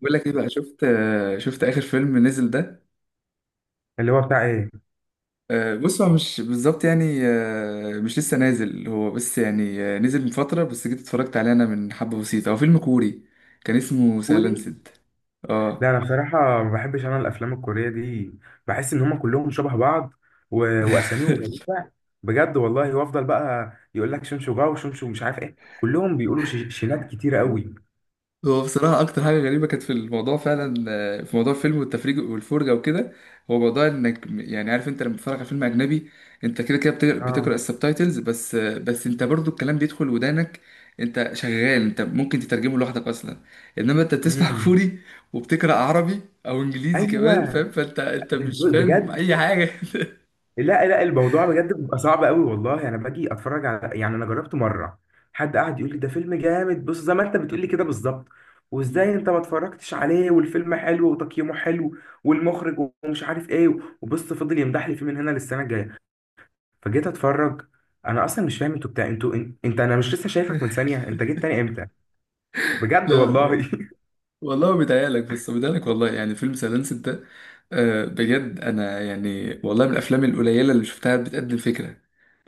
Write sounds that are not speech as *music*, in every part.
بقول لك ايه بقى شفت اخر فيلم نزل ده. اللي هو بتاع ايه؟ بص، هو مش بالظبط يعني، مش لسه نازل هو، بس يعني نزل من فترة، بس جيت اتفرجت عليه انا من حبة بسيطة. هو فيلم كوري كان اسمه كوري. سايلنسد. اه. لا، انا بصراحه ما بحبش انا الافلام الكوريه دي. بحس ان هم كلهم شبه بعض و... واساميهم غريبه، بجد والله. وافضل بقى يقول لك شنشو جاو شنشو مش عارف ايه، كلهم بيقولوا شينات كتيره *laughs* قوي. هو بصراحة أكتر حاجة غريبة كانت في الموضوع فعلا، في موضوع الفيلم والتفريج والفرجة وكده، هو موضوع إنك يعني عارف، أنت لما بتتفرج على فيلم أجنبي أنت كده كده بتقرأ اه. السبتايتلز بس، بس أنت برضو الكلام بيدخل ودانك. أنت شغال، أنت ممكن تترجمه لوحدك أصلا. إنما أنت بتسمع *laughs* امم. كوري، وبتقرأ عربي أو إنجليزي كمان، ايوه، فاهم؟ فأنت مش فاهم بجد. أي حاجة. *laughs* لا لا، الموضوع بجد بيبقى صعب قوي والله. انا باجي اتفرج على، يعني انا جربت مره، حد قعد يقول لي ده فيلم جامد، بص زي ما انت بتقول لي كده بالظبط، مم. وازاي انت ما اتفرجتش عليه والفيلم حلو وتقييمه حلو والمخرج ومش عارف ايه، وبص فضل يمدح لي فيه من هنا للسنه الجايه. فجيت اتفرج. انا اصلا مش فاهم انتوا بتاع، انتوا انت، انا مش لسه شايفك من ثانيه، انت جيت تاني امتى؟ لا، بجد لا، والله. والله بيتهيألك، بس بيتهيألك والله. يعني فيلم سايلنس ده، بجد انا يعني والله من الافلام القليله اللي شفتها بتقدم فكره.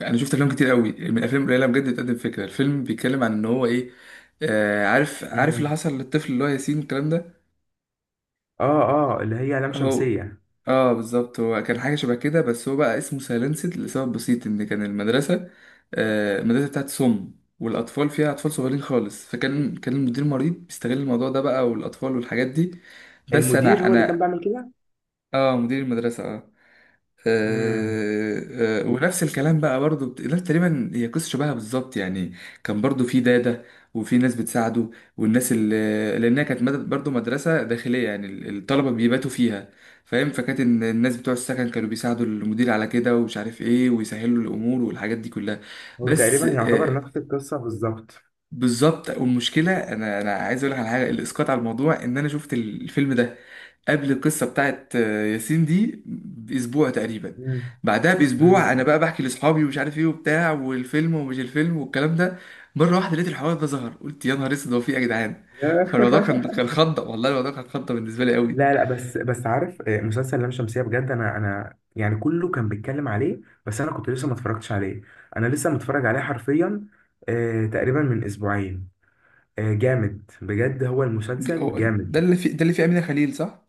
انا شفت افلام كتير قوي، من الافلام القليله بجد بتقدم فكره. الفيلم بيتكلم عن ان هو ايه، عارف *laughs* عارف اللي مم. حصل للطفل اللي هو ياسين والكلام ده. اه. اه، اللي هي لام هو شمسيه. اه بالظبط، هو كان حاجة شبه كده، بس هو بقى اسمه سايلنسد لسبب بسيط ان كان المدرسة، آه المدرسة بتاعت سم، والاطفال فيها اطفال صغيرين خالص، فكان المدير المريض بيستغل الموضوع ده بقى والاطفال والحاجات دي. بس المدير انا هو اللي كان انا بيعمل كده. اه مدير المدرسة اه. مم. ونفس الكلام بقى برضو، لا تقريبا هي قصة شبهها بالظبط يعني. كان برضو في دادة، وفي ناس بتساعده، والناس اللي لأنها كانت برضو مدرسة داخلية يعني الطلبة بيباتوا فيها، فاهم؟ فكانت إن الناس بتوع السكن كانوا بيساعدوا المدير على كده ومش عارف ايه، ويسهلوا الأمور والحاجات دي كلها. هو بس تقريبا يعتبر نفس القصه بالظبط. بالظبط. والمشكله انا عايز اقول لك على حاجه، الاسقاط على الموضوع ان انا شفت الفيلم ده قبل القصه بتاعت ياسين دي باسبوع تقريبا. مم. بعدها مم. باسبوع انا بقى بحكي لاصحابي ومش عارف ايه وبتاع، والفيلم ومش الفيلم والكلام ده، مره واحده لقيت الحوار ده ظهر، قلت يا نهار اسود هو في ايه يا جدعان. فالموضوع كان *laughs* كان خضه والله، الموضوع كان خضه بالنسبه لي قوي. لا لا، بس عارف، آه، مسلسل لام شمسية، بجد انا يعني كله كان بيتكلم عليه، بس انا كنت لسه ما اتفرجتش عليه. انا لسه متفرج عليه حرفيا، آه، تقريبا من اسبوعين. آه، جامد بجد، هو المسلسل جامد. ده اللي في ده اللي فيه امينه خليل صح؟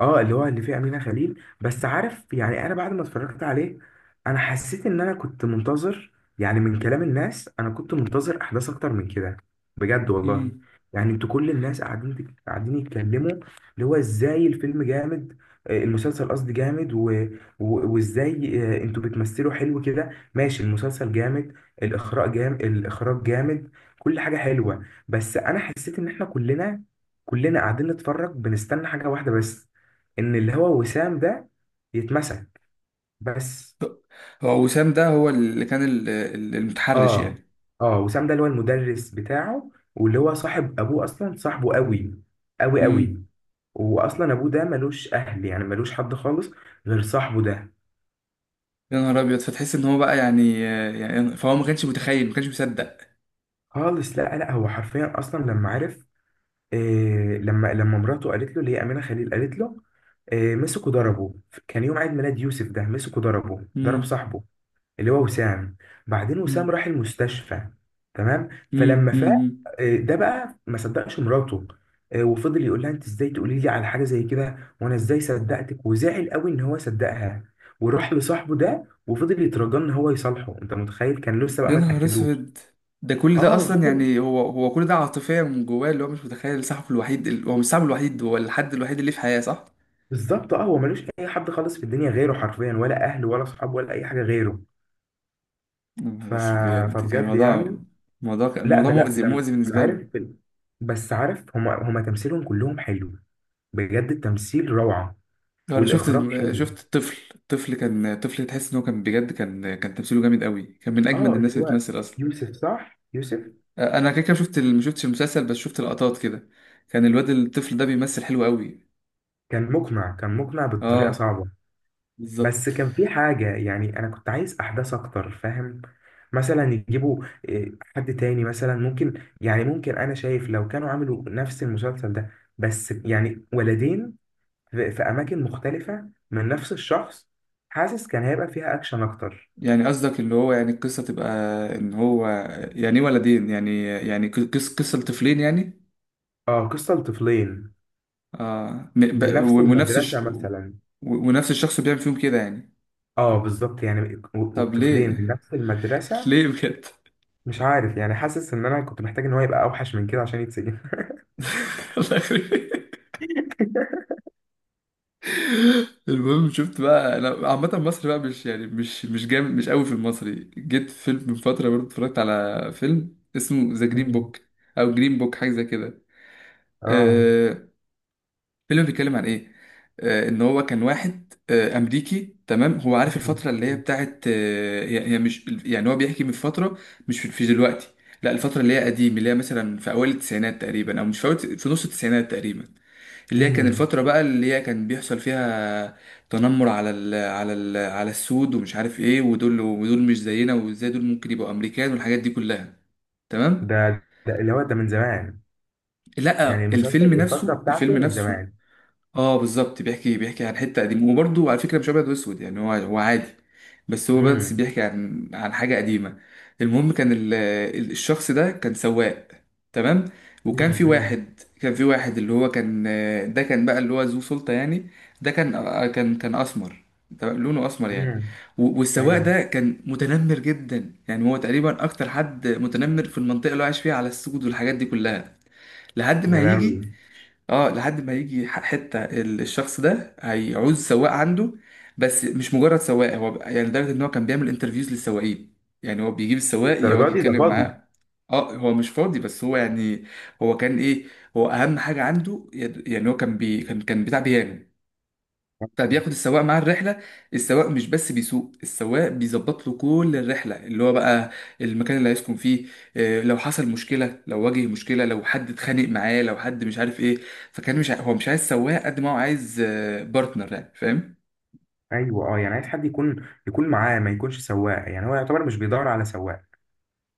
اه، اللي هو اللي فيه امينه خليل. بس عارف يعني انا بعد ما اتفرجت عليه انا حسيت ان انا كنت منتظر، يعني من كلام الناس انا كنت منتظر احداث اكتر من كده، بجد والله. امم. يعني انتوا كل الناس قاعدين يتكلموا اللي هو ازاي الفيلم جامد، آه، المسلسل قصدي جامد وازاي، آه، انتوا بتمثلوا حلو كده، ماشي، المسلسل جامد، الاخراج جامد، الاخراج جامد، كل حاجه حلوه. بس انا حسيت ان احنا كلنا، كلنا قاعدين نتفرج بنستنى حاجه واحده بس، ان اللي هو وسام ده يتمسك. بس. هو وسام ده هو اللي كان المتحرش اه. يعني. اه، وسام ده اللي هو المدرس بتاعه واللي هو صاحب ابوه اصلا، صاحبه قوي قوي قوي. واصلا ابوه ده ملوش اهل، يعني ملوش حد خالص غير صاحبه ده. يا نهار ابيض، فتحس ان هو بقى يعني، يعني فهو ما كانش متخيل، ما كانش مصدق. خالص. لا لا، هو حرفيا اصلا لما عرف، إيه، لما مراته قالت له، اللي هي امينه خليل، قالت له إيه، مسكوا ضربه. كان يوم عيد ميلاد يوسف ده، مسكوا ضربه ضرب مم. صاحبه اللي هو وسام، بعدين وسام مم. راح المستشفى. تمام. مم. فلما فاق، مم. آه، ده بقى ما صدقش مراته، آه، وفضل يقول لها انت ازاي تقولي لي على حاجه زي كده وانا ازاي صدقتك، وزعل قوي ان هو صدقها، وراح لصاحبه ده وفضل يترجى ان هو يصالحه. انت متخيل؟ كان لسه بقى يا ما نهار تاكدوش. اسود، ده كل ده اه، اصلا فضل. يعني، هو كل ده عاطفيا من جواه، اللي هو مش متخيل صاحبه الوحيد، هو مش صاحبه الوحيد، هو الحد الوحيد اللي في حياة، صح؟ بالظبط، اه، هو ملوش اي حد خالص في الدنيا غيره حرفيا، ولا اهله ولا صحابه ولا اي حاجه غيره. يا نهار ف... اسود بجد كان فبجد الموضوع، يعني. الموضوع كان لا الموضوع ده لا. مؤذي، مؤذي لما بالنسبة عارف، له. بس عارف هما تمثيلهم كلهم حلو، بجد التمثيل روعة. انا شفت والإخراج حلو. شفت الطفل، الطفل كان الطفل تحس ان هو كان بجد، كان تمثيله جامد قوي، كان من اجمد اه، الناس اللي اللي هو بتمثل اصلا. يوسف، صح؟ يوسف. انا كده كده شفت ما شفتش المسلسل، بس شفت لقطات كده، كان الواد الطفل ده بيمثل حلو قوي. كان مقنع، كان مقنع بطريقة اه صعبة. بس بالظبط. كان في حاجة، يعني أنا كنت عايز أحداث أكتر، فاهم؟ مثلا يجيبوا، إيه، حد تاني، مثلا ممكن، يعني ممكن، أنا شايف لو كانوا عملوا نفس المسلسل ده بس يعني ولدين، في أماكن مختلفة من نفس الشخص، حاسس كان هيبقى فيها أكشن أكتر. يعني قصدك اللي هو يعني القصه تبقى ان هو، يعني ايه ولدين يعني، يعني قصه لطفلين يعني. اه، قصة لطفلين. اه من نفس ونفس المدرسة مثلا. ونفس الشخص بيعمل فيهم كده يعني. اه بالظبط، يعني طب طفلين من ليه؟ نفس *laughs* المدرسة. ليه بجد؟ مش عارف يعني، حاسس ان انا كنت محتاج ان هو يبقى اوحش من كده عشان يتسجن. *laughs* الله يخرب. المهم شفت بقى انا عامه مصر بقى مش يعني مش جامد مش قوي في المصري. جيت فيلم من فتره برضه اتفرجت على فيلم اسمه ذا جرين مم. بوك، او جرين بوك حاجه زي كده. *laughs* اه. آه، الفيلم بيتكلم عن ايه، ان هو كان واحد امريكي، تمام. هو عارف مم. الفتره اللي هي مم. بتاعت، هي هي مش يعني هو بيحكي من فتره، مش في في دلوقتي، لا الفتره اللي هي قديم، اللي هي مثلا في اوائل التسعينات تقريبا، او مش في نص التسعينات تقريبا، اللي هي كان مم. الفترة بقى اللي هي كان بيحصل فيها تنمر على السود ومش عارف ايه، ودول ودول مش زينا، وازاي دول ممكن يبقوا امريكان والحاجات دي كلها. تمام. ده ده اللي هو ده من زمان. يعني لا المسلسل الفيلم الفترة نفسه، بتاعته الفيلم من نفسه. زمان. اه بالظبط، بيحكي عن حته قديمه، وبرضه على فكره مش ابيض واسود يعني، هو عادي، بس هو بس امم. بيحكي عن عن حاجه قديمه. المهم كان الشخص ده كان سواق، تمام. مم. وكان في امم. واحد، كان في واحد اللي هو كان، ده كان بقى اللي هو ذو سلطه يعني. ده كان كان اسمر، تمام؟ لونه اسمر يعني. امم. والسواق ايوه. ده كان متنمر جدا يعني، هو تقريبا اكتر حد متنمر في المنطقه اللي هو عايش فيها على السود والحاجات دي كلها. لحد ما يا هيجي، لهوي. اه لحد ما يجي حته الشخص ده هيعوز سواق عنده. بس مش مجرد سواق، هو يعني لدرجه ان هو كان بيعمل انترفيوز للسواقين. يعني هو بيجيب السواق يقعد الدرجات دي، ده يتكلم فاضي. معاه. اه هو مش فاضي، بس هو يعني هو كان ايه، هو اهم حاجه عنده يعني هو كان بي كان كان بتاع بيانو. فبياخد السواق مع الرحلة، السواق مش بس بيسوق، السواق بيظبط له كل الرحلة، اللي هو بقى المكان اللي هيسكن فيه، لو حصل مشكلة، لو واجه مشكلة، لو حد اتخانق معاه، لو حد مش عارف ايه. فكان مش هو مش عايز سواق قد ما هو عايز بارتنر يعني، فاهم؟ ايوه، اه، يعني عايز حد يكون، يكون معاه، ما يكونش سواق، يعني هو يعتبر مش بيدور على سواق.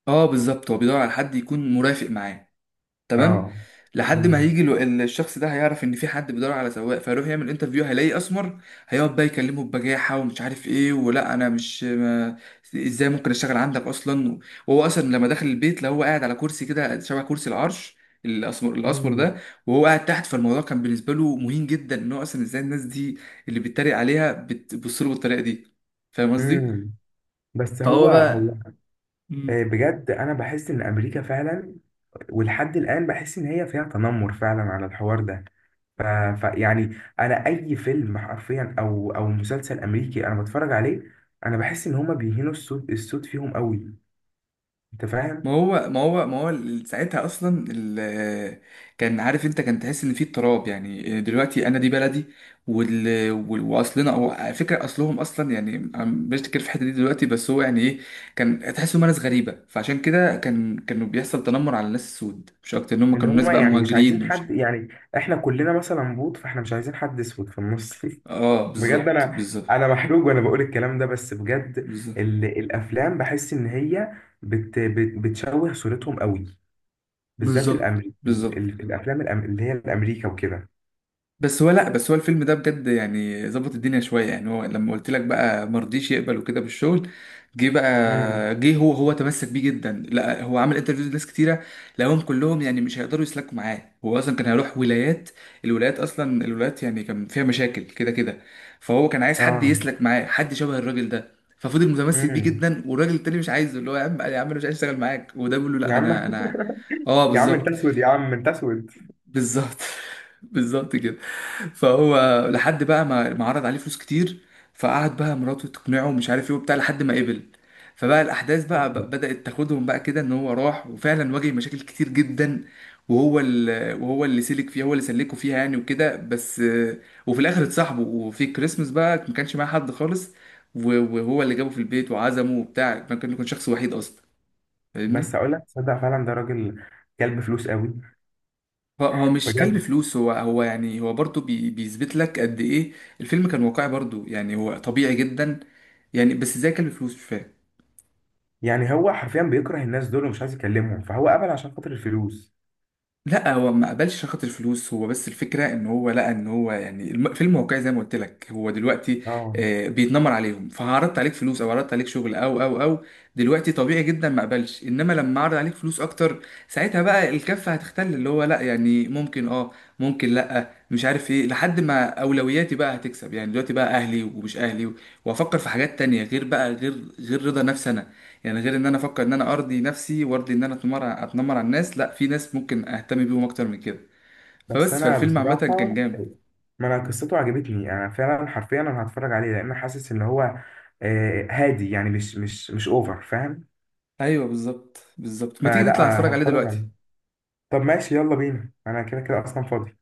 اه بالظبط، هو بيدور على حد يكون مرافق معاه، تمام. اه. لحد ما امم. هيجي الشخص ده هيعرف ان في حد بيدور على سواق، فيروح يعمل انترفيو، هيلاقيه اسمر. هيقعد بقى يكلمه ببجاحه ومش عارف ايه، ولا انا مش ما ازاي ممكن اشتغل عندك اصلا. وهو اصلا لما دخل البيت لا، هو قاعد على كرسي كده شبه كرسي العرش، الاسمر، الاسمر مم. ده، وهو قاعد تحت. فالموضوع كان بالنسبه له مهين جدا، ان هو اصلا ازاي الناس دي اللي بيتريق عليها بتبص له بالطريقه دي، فاهم قصدي؟ امم. بس هو فهو بقى. هو. آه، مم. بجد انا بحس ان امريكا فعلا، ولحد الان بحس ان هي فيها تنمر فعلا على الحوار ده. ف... يعني انا اي فيلم حرفيا، او او مسلسل امريكي انا بتفرج عليه، انا بحس ان هما بيهينوا الصوت، الصوت فيهم قوي، انت ما فاهم؟ هو ما هو ما هو ساعتها اصلا كان عارف انت، كان تحس ان في اضطراب يعني، دلوقتي انا دي بلدي، واصلنا او على فكره اصلهم اصلا يعني، بشتكر في الحته دي دلوقتي. بس هو يعني ايه، كان تحس انهم ناس غريبه، فعشان كده كانوا بيحصل تنمر على الناس السود، مش اكتر ان هم ان كانوا ناس هما بقى يعني مش مهاجرين عايزين ومش. حد، يعني احنا كلنا مثلا بوط، فاحنا مش عايزين حد اسود في النص. اه *laughs* بجد بالظبط، انا بالظبط، انا محروق وانا بقول الكلام ده، بس بجد بالظبط، الافلام بحس ان هي بت... بت... بتشوه صورتهم قوي. بالذات بالظبط، الأمريكي، بالظبط. الافلام اللي هي الامريكا وكده. بس هو لا بس هو الفيلم ده بجد يعني ظبط الدنيا شويه يعني. هو لما قلت لك بقى مرضيش يقبل وكده بالشغل، جه امم. بقى جه هو تمسك بيه جدا، لا هو عمل انترفيوز لناس كتيره، لقاهم كلهم يعني مش هيقدروا يسلكوا معاه. هو اصلا كان هيروح ولايات، الولايات اصلا، الولايات يعني كان فيها مشاكل كده كده، فهو كان عايز حد اه. يسلك معاه، حد شبه الراجل ده. ففضل متمسك بيه امم. جدا، والراجل التاني مش عايزه، اللي هو يا عم يا عم انا مش عايز اشتغل معاك، وده بيقول له يا لا انا عم. انا اه *laughs* يا عم انت بالظبط اسود، يا عم انت اسود. بالظبط *laughs* بالظبط كده. فهو لحد بقى ما عرض عليه فلوس كتير، فقعد بقى مراته تقنعه ومش عارف ايه وبتاع لحد ما قبل. فبقى الاحداث بقى مم. بدأت تاخدهم بقى كده، ان هو راح وفعلا واجه مشاكل كتير جدا، وهو اللي سلك فيها، هو اللي سلكه فيها يعني وكده، بس وفي الاخر اتصاحبوا، وفي كريسمس بقى ما كانش معاه حد خالص، و- وهو اللي جابه في البيت وعزمه وبتاع، ما كان كان شخص وحيد اصلا، فاهمني؟ بس اقول لك، تصدق فعلا ده راجل كلب فلوس قوي. هو مش كلب بجد. فلوس، هو يعني هو برضه بيثبت لك قد ايه الفيلم كان واقعي برضه يعني، هو طبيعي جدا يعني، بس زي كلب فلوس مش فاهم. يعني هو حرفيا بيكره الناس دول ومش عايز يكلمهم، فهو قبل عشان خاطر الفلوس. لا هو ما قبلش عشان خاطر الفلوس، هو بس الفكره ان هو لقى ان هو يعني فيلم واقعي زي ما قلت لك، هو دلوقتي اه. بيتنمر عليهم، فعرضت عليك فلوس او عرضت عليك شغل او او او دلوقتي طبيعي جدا ما قبلش. انما لما عرض عليك فلوس اكتر، ساعتها بقى الكفه هتختل، اللي هو لا يعني ممكن اه ممكن لا مش عارف ايه، لحد ما اولوياتي بقى هتكسب يعني، دلوقتي بقى اهلي ومش اهلي، وافكر في حاجات تانية غير بقى غير رضا نفسي انا، يعني غير ان انا افكر ان انا ارضي نفسي، وارضي ان انا اتنمر، اتنمر على الناس. لا، في ناس ممكن اهتم بيهم اكتر من كده. بس فبس انا فالفيلم عامه كان بصراحه، جامد. ما انا قصته عجبتني، انا فعلا حرفيا انا هتفرج عليه، لان حاسس ان هو، آه، هادي يعني، مش اوفر، فاهم؟ ايوه بالظبط بالظبط، ما تيجي نطلع فلا، نتفرج عليه هتفرج دلوقتي. عليه. طب ماشي، يلا بينا، انا كده كده اصلا فاضي.